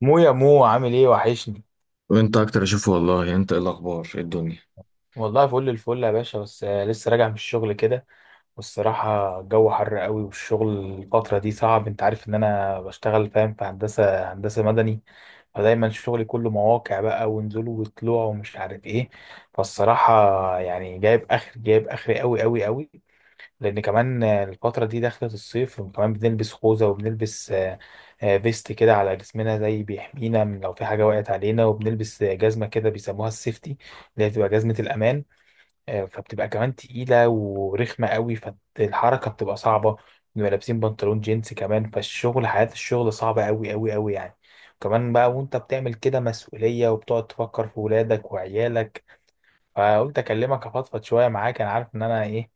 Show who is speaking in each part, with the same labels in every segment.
Speaker 1: يا مو, عامل ايه؟ وحشني.
Speaker 2: وانت اكتر اشوفه والله. يعني انت ايه الاخبار؟ ايه الدنيا؟
Speaker 1: والله فل الفل يا باشا، بس لسه راجع من الشغل كده. والصراحة الجو حر قوي، والشغل الفترة دي صعب. انت عارف ان انا بشتغل، فاهم، في هندسة مدني، فدايما شغلي كله مواقع بقى ونزول وطلوع ومش عارف ايه. فالصراحة يعني جايب اخر قوي قوي قوي، لان كمان الفتره دي دخلت الصيف، وكمان بنلبس خوذه، وبنلبس فيست كده على جسمنا زي بيحمينا من لو في حاجه وقعت علينا، وبنلبس جزمه كده بيسموها السيفتي اللي هي بتبقى جزمه الامان. فبتبقى كمان تقيله ورخمه قوي، فالحركه بتبقى صعبه. بنبقى لابسين بنطلون جينز كمان، فالشغل، حياه الشغل صعبه قوي قوي قوي يعني. كمان بقى وانت بتعمل كده مسؤوليه وبتقعد تفكر في ولادك وعيالك. فقلت اكلمك افضفض شويه معاك. انا عارف ان انا ايه،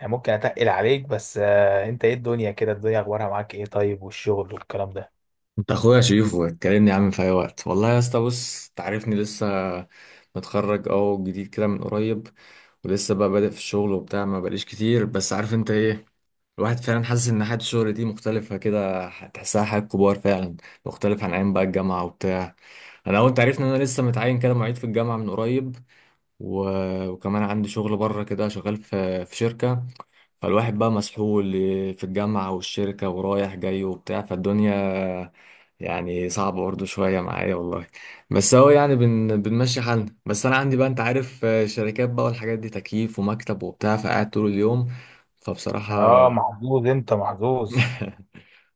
Speaker 1: يعني ممكن اتقل عليك، بس انت ايه الدنيا كده؟ الدنيا اخبارها معاك ايه؟ طيب والشغل والكلام ده؟
Speaker 2: انت اخويا شريفه، اتكلمني يا عم في اي وقت والله يا اسطى. بص، تعرفني لسه متخرج او جديد كده من قريب. ولسه بقى بادئ في الشغل وبتاع، ما بقاليش كتير، بس عارف انت ايه. الواحد فعلا حاسس ان حياة الشغل دي مختلفة، كده تحسها حياة كبار فعلا، مختلف عن ايام بقى الجامعة وبتاع. انا اول تعرفني ان انا لسه متعين كده معيد في الجامعة من قريب، و- وكمان عندي شغل بره كده، شغال في شركة. فالواحد بقى مسحول في الجامعة والشركة ورايح جاي وبتاع، فالدنيا يعني صعبة برضه شوية معايا والله. بس هو يعني بنمشي حالنا. بس أنا عندي بقى أنت عارف، شركات بقى والحاجات دي، تكييف ومكتب وبتاع، فقاعد طول اليوم. فبصراحة
Speaker 1: اه، محظوظ، انت محظوظ.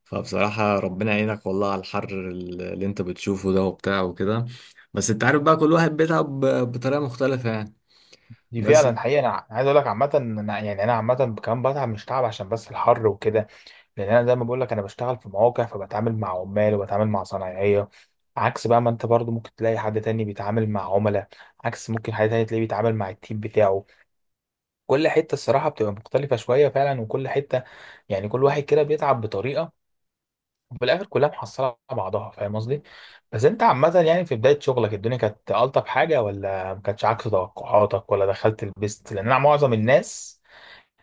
Speaker 2: فبصراحة ربنا يعينك والله على الحر اللي أنت بتشوفه ده وبتاع وكده. بس أنت عارف بقى، كل واحد بيتعب بطريقة مختلفة يعني.
Speaker 1: دي
Speaker 2: بس.
Speaker 1: فعلا حقيقة. انا عايز اقول لك عامة إن يعني انا عامة كمان بتعب، مش تعب عشان بس الحر وكده، لان انا زي ما بقول لك انا بشتغل في مواقع، فبتعامل مع عمال وبتعامل مع صنايعية. عكس بقى ما انت برضو ممكن تلاقي حد تاني بيتعامل مع عملاء، عكس ممكن حد تاني تلاقيه بيتعامل مع التيم بتاعه. كل حتة الصراحة بتبقى مختلفة شوية فعلا، وكل حتة يعني كل واحد كده بيتعب بطريقة. وفي الاخر كلها محصله على بعضها، فاهم قصدي؟ بس انت عامه يعني في بدايه شغلك الدنيا كانت الطف حاجه، ولا ما كانتش، عكس توقعاتك، ولا دخلت البيست؟ لان انا معظم الناس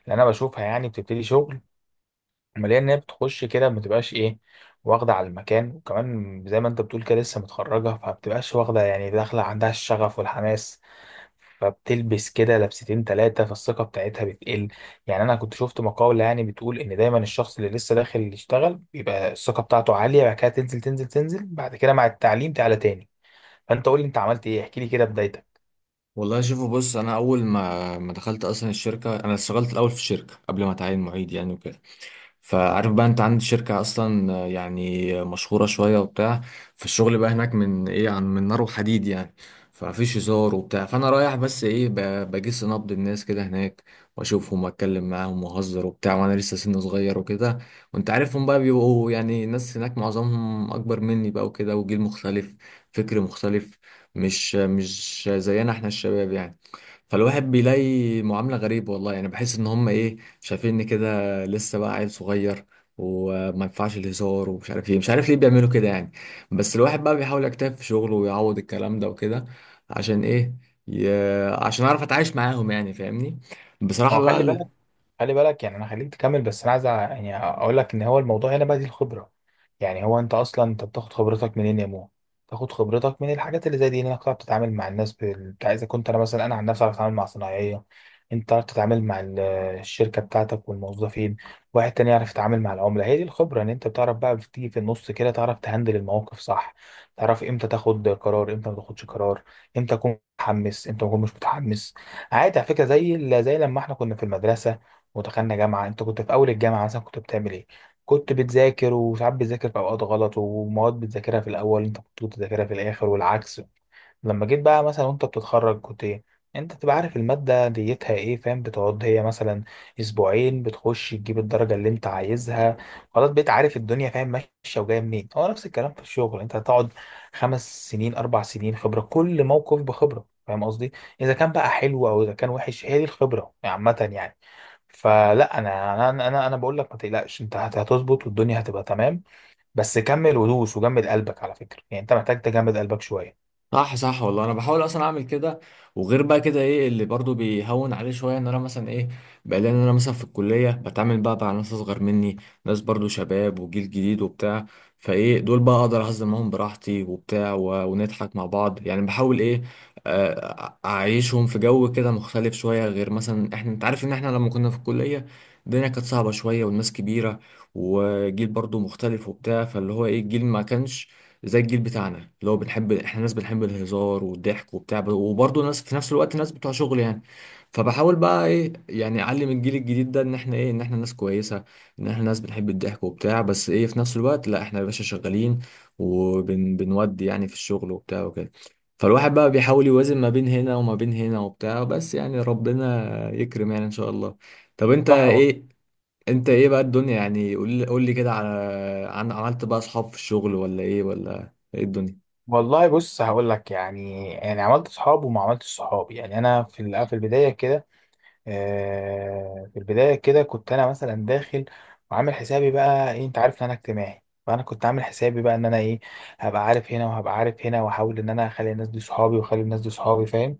Speaker 1: اللي انا بشوفها يعني بتبتدي شغل، ملاقي ان هي بتخش كده، ما بتبقاش ايه، واخده على المكان. وكمان زي ما انت بتقول كده لسه متخرجه، فما بتبقاش واخده، يعني داخله عندها الشغف والحماس، فبتلبس كده لبستين تلاتة، فالثقة بتاعتها بتقل. يعني أنا كنت شفت مقالة يعني بتقول إن دايما الشخص اللي لسه داخل يشتغل بيبقى الثقة بتاعته عالية، بعد كده تنزل تنزل تنزل، بعد كده مع التعليم تعلى تاني. فأنت قول لي أنت عملت إيه، احكي لي كده بدايتك.
Speaker 2: والله، شوفوا، بص، انا اول ما دخلت اصلا الشركه، انا اشتغلت الاول في الشركه قبل ما اتعين معيد يعني وكده. فعارف بقى انت عندي شركة اصلا، يعني مشهورة شوية وبتاع. فالشغل بقى هناك من ايه، عن من نار وحديد يعني. فمفيش هزار وبتاع، فانا رايح بس ايه، بجس نبض الناس كده هناك، واشوفهم واتكلم معاهم واهزر وبتاع، وانا لسه سن صغير وكده. وانت عارفهم بقى بيبقوا يعني، الناس هناك معظمهم اكبر مني بقى وكده، وجيل مختلف، فكر مختلف. مش زينا احنا الشباب يعني. فالواحد بيلاقي معاملة غريبة والله، يعني بحس ان هم ايه، شايفيني كده لسه بقى عيل صغير، وما ينفعش الهزار، ومش عارف ايه، مش عارف ليه بيعملوا كده يعني. بس الواحد بقى بيحاول يجتهد في شغله ويعوض الكلام ده وكده. عشان ايه؟ ي... عشان اعرف اتعايش معاهم يعني، فاهمني.
Speaker 1: ما
Speaker 2: بصراحة
Speaker 1: هو خلي
Speaker 2: بقى.
Speaker 1: بالك، خلي بالك، يعني انا خليك تكمل، بس انا عايز يعني اقول لك ان هو الموضوع هنا بقى دي الخبره. يعني هو انت اصلا، انت بتاخد خبرتك منين يا مو؟ تاخد خبرتك من الحاجات اللي زي دي، انك تعرف تتعامل مع الناس بتاع. اذا كنت انا مثلا، انا عن نفسي اعرف اتعامل مع صناعيه، انت تعرف تتعامل مع الشركه بتاعتك والموظفين، واحد تاني يعرف يتعامل مع العملاء. هي دي الخبره، ان انت بتعرف بقى، بتيجي في النص كده تعرف تهندل المواقف، صح؟ تعرف امتى تاخد قرار، امتى ما تاخدش قرار، امتى تكون متحمس، امتى ما تكون مش متحمس. عادي، على فكره، زي زي لما احنا كنا في المدرسه ودخلنا جامعة. انت كنت في اول الجامعة مثلا كنت بتعمل ايه؟ كنت بتذاكر، وساعات بتذاكر في اوقات غلط، ومواد بتذاكرها في الاول انت كنت بتذاكرها في الاخر والعكس. لما جيت بقى مثلا وانت بتتخرج كنت ايه؟ انت تبقى عارف المادة ديتها ايه، فاهم؟ بتقعد هي مثلا اسبوعين، بتخش تجيب الدرجة اللي انت عايزها. خلاص، بقيت عارف الدنيا، فاهم، ماشية وجاية منين. هو نفس الكلام في الشغل، انت هتقعد 5 سنين، 4 سنين خبرة، كل موقف بخبرة، فاهم قصدي؟ اذا كان بقى حلو او اذا كان وحش، هي دي الخبرة عامة يعني. فلا، انا انا انا انا أنا بقول لك ما تقلقش، انت هتظبط والدنيا هتبقى تمام. بس كمل ودوس وجمد قلبك، على فكرة يعني انت محتاج تجمد قلبك شوية.
Speaker 2: صح صح والله، انا بحاول اصلا اعمل كده. وغير بقى كده، ايه اللي برضو بيهون عليه شويه؟ ان انا مثلا ايه بقى، لان انا مثلا في الكليه بتعامل بقى مع ناس اصغر مني، ناس برضو شباب وجيل جديد وبتاع. فايه دول بقى اقدر اهزر معاهم براحتي وبتاع، ونضحك مع بعض يعني، بحاول ايه، اعيشهم في جو كده مختلف شويه، غير مثلا احنا، انت عارف ان احنا لما كنا في الكليه، الدنيا كانت صعبه شويه والناس كبيره، وجيل برضو مختلف وبتاع، فاللي هو ايه، الجيل ما كانش زي الجيل بتاعنا، اللي هو بنحب، احنا ناس بنحب الهزار والضحك وبتاع، وبرضه ناس في نفس الوقت، ناس بتوع شغل يعني. فبحاول بقى ايه، يعني اعلم الجيل الجديد ده ان احنا ايه، ان احنا ناس كويسه، ان احنا ناس بنحب الضحك وبتاع، بس ايه، في نفس الوقت لا، احنا يا باشا شغالين، وبنودي يعني في الشغل وبتاع وكده. فالواحد بقى بيحاول يوازن ما بين هنا وما بين هنا وبتاع، بس يعني ربنا يكرم يعني ان شاء الله. طب، انت
Speaker 1: صح.
Speaker 2: ايه؟ بقى الدنيا يعني؟ قول لي، قول لي كده، عن عملت بقى اصحاب في الشغل ولا ايه؟ ولا ايه الدنيا؟
Speaker 1: والله بص هقول لك، يعني عملت صحاب وما عملتش صحاب. يعني انا في في البدايه كده، في البدايه كده كنت انا مثلا داخل وعامل حسابي بقى إيه، انت عارف ان انا اجتماعي، فانا كنت عامل حسابي بقى ان انا ايه، هبقى عارف هنا وهبقى عارف هنا، واحاول ان انا اخلي الناس دي صحابي واخلي الناس دي صحابي، فاهم؟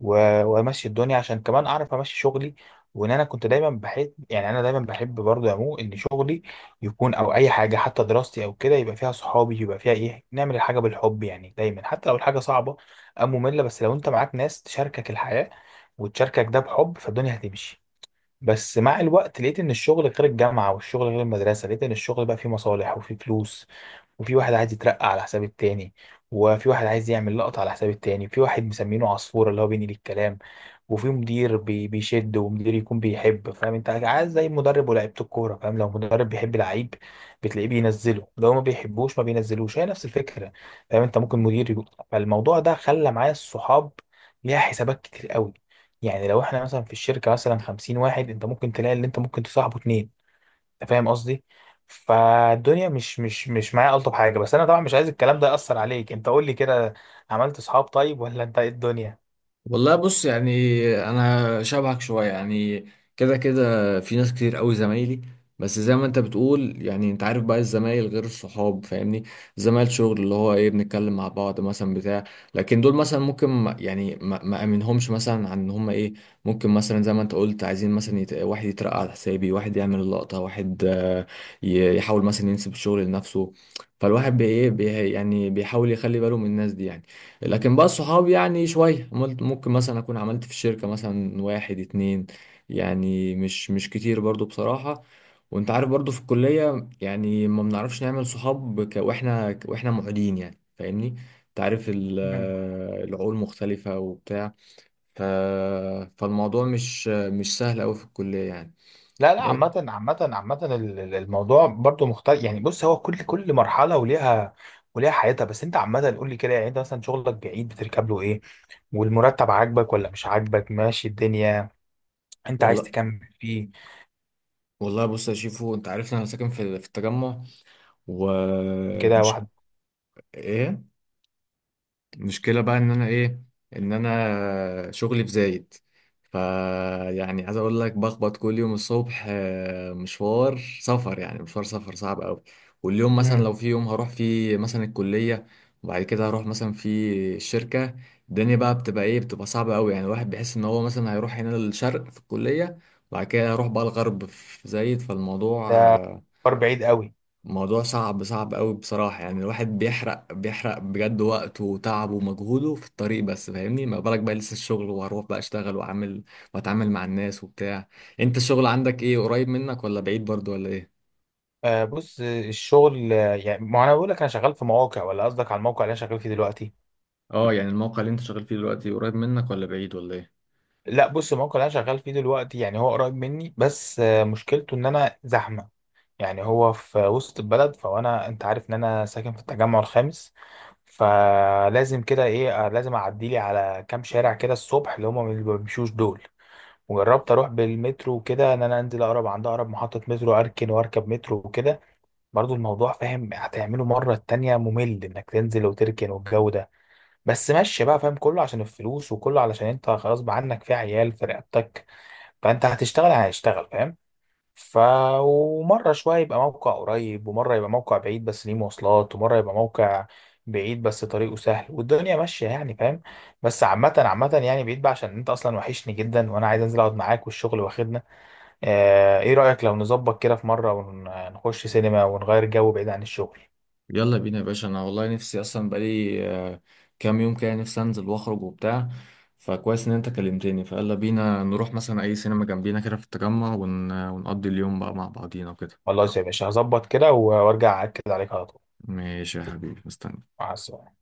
Speaker 1: وامشي الدنيا عشان كمان اعرف امشي شغلي. وان انا كنت دايما بحب، يعني انا دايما بحب برضه يا مو ان شغلي يكون، او اي حاجه حتى دراستي او كده، يبقى فيها صحابي، يبقى فيها ايه، نعمل الحاجه بالحب يعني. دايما حتى لو الحاجه صعبه او ممله، بس لو انت معاك ناس تشاركك الحياه وتشاركك ده بحب، فالدنيا هتمشي. بس مع الوقت لقيت ان الشغل غير الجامعه، والشغل غير المدرسه. لقيت ان الشغل بقى فيه مصالح وفيه فلوس، وفي واحد عايز يترقى على حساب التاني، وفي واحد عايز يعمل لقطة على حساب التاني، وفي واحد مسمينه عصفورة اللي هو بينقل الكلام، وفي مدير بيشد، ومدير يكون بيحب، فاهم؟ انت عايز زي مدرب ولاعيبة الكورة، فاهم؟ لو مدرب بيحب لعيب بتلاقيه بينزله، لو ما بيحبوش ما بينزلوش، هي نفس الفكرة. فاهم؟ انت ممكن مدير يقول، فالموضوع ده خلى معايا الصحاب ليها حسابات كتير قوي. يعني لو احنا مثلا في الشركة مثلا 50 واحد، انت ممكن تلاقي اللي انت ممكن تصاحبه 2، انت فاهم قصدي؟ فالدنيا مش معايا ألطف حاجة. بس انا طبعا مش عايز الكلام ده يأثر عليك. انت قول لي كده، عملت صحاب طيب ولا انت ايه الدنيا؟
Speaker 2: والله بص يعني، انا شبهك شويه يعني. كده كده في ناس كتير قوي زمايلي، بس زي ما انت بتقول يعني، انت عارف بقى الزمايل غير الصحاب، فاهمني. زمايل شغل، اللي هو ايه، بنتكلم مع بعض مثلا بتاع، لكن دول مثلا ممكن يعني ما امنهمش مثلا، عن ان هم ايه، ممكن مثلا زي ما انت قلت، عايزين مثلا واحد يترقى على حسابي، واحد يعمل اللقطه، واحد يحاول مثلا ينسب الشغل لنفسه. فالواحد إيه، يعني بيحاول يخلي باله من الناس دي يعني. لكن بقى الصحاب يعني شوية، عملت ممكن مثلا أكون عملت في الشركة مثلا واحد اتنين، يعني مش كتير برضو بصراحة. وأنت عارف برضو في الكلية يعني، ما بنعرفش نعمل صحاب وإحنا معيدين يعني، فاهمني. أنت عارف ال-
Speaker 1: مم.
Speaker 2: العقول مختلفة وبتاع. ف... فالموضوع مش سهل أوي في الكلية يعني.
Speaker 1: لا لا،
Speaker 2: بس.
Speaker 1: عامة عامة عامة، الموضوع برضو مختلف يعني. بص، هو كل مرحلة وليها، وليها حياتها. بس انت عامة قول لي كده، يعني انت مثلا شغلك بعيد، بتركب له ايه؟ والمرتب عاجبك ولا مش عاجبك؟ ماشي الدنيا، انت عايز
Speaker 2: والله،
Speaker 1: تكمل فيه؟
Speaker 2: بص يا شيفو، أنت عارف إن أنا ساكن في التجمع،
Speaker 1: كده
Speaker 2: ومش...
Speaker 1: واحد،
Speaker 2: إيه، المشكلة بقى ان انا ايه، ان انا شغلي في زايد. فيعني عايز اقول لك، بخبط كل يوم الصبح مشوار سفر، يعني مشوار سفر صعب قوي. واليوم مثلا لو في يوم هروح فيه مثلا الكلية، وبعد كده هروح مثلا في الشركة، الدنيا بقى بتبقى ايه، بتبقى صعبة قوي، يعني الواحد بيحس ان هو مثلا هيروح هنا للشرق في الكلية، وبعد كده هيروح بقى الغرب في زايد،
Speaker 1: ده فار بعيد قوي.
Speaker 2: موضوع صعب صعب قوي بصراحة، يعني الواحد بيحرق بيحرق بجد وقته وتعبه ومجهوده في الطريق بس، فاهمني. ما بالك بقى لسه الشغل، وهروح بقى اشتغل واعمل واتعامل مع الناس وبتاع. انت الشغل عندك ايه، قريب منك ولا بعيد برضو ولا ايه؟
Speaker 1: آه بص، الشغل، يعني ما انا بقول لك انا شغال في مواقع، ولا قصدك على الموقع اللي انا شغال فيه دلوقتي؟
Speaker 2: اه يعني الموقع اللي انت شغال فيه دلوقتي قريب منك ولا بعيد ولا ايه؟
Speaker 1: لا بص، الموقع اللي انا شغال فيه دلوقتي يعني هو قريب مني، بس آه مشكلته ان انا زحمه. يعني هو في وسط البلد، فانا انت عارف ان انا ساكن في التجمع الخامس، فلازم كده ايه، لازم اعدي لي على كام شارع كده الصبح اللي هم ما بيمشوش دول. وجربت اروح بالمترو وكده، ان انا انزل اقرب عند اقرب محطه مترو، اركن واركب مترو وكده. برضو الموضوع، فاهم، هتعمله مرة التانية ممل انك تنزل وتركن والجو ده. بس مشي بقى، فاهم، كله عشان الفلوس، وكله علشان انت خلاص بقى عنك في عيال في رقبتك، فانت هتشتغل هتشتغل، فاهم؟ ف، ومرة شوية يبقى موقع قريب، ومرة يبقى موقع بعيد بس ليه مواصلات، ومرة يبقى موقع بعيد بس طريقه سهل والدنيا ماشية يعني، فاهم؟ بس عامة عامة يعني بعيد بقى. عشان انت اصلا وحشني جدا، وانا عايز انزل اقعد معاك، والشغل واخدنا. ايه رأيك لو نظبط كده في مرة ونخش سينما ونغير جو بعيد عن الشغل؟
Speaker 2: يلا بينا يا باشا، انا والله نفسي اصلا بقالي كام يوم كده، نفسي انزل واخرج وبتاع. فكويس ان انت كلمتني، فيلا بينا نروح مثلا اي سينما جنبينا كده في التجمع، ون... ونقضي اليوم بقى مع بعضينا وكده.
Speaker 1: خلاص يا باشا، هظبط كده وارجع اكد عليك على طول.
Speaker 2: ماشي يا حبيبي، مستني.
Speaker 1: مع السلامه.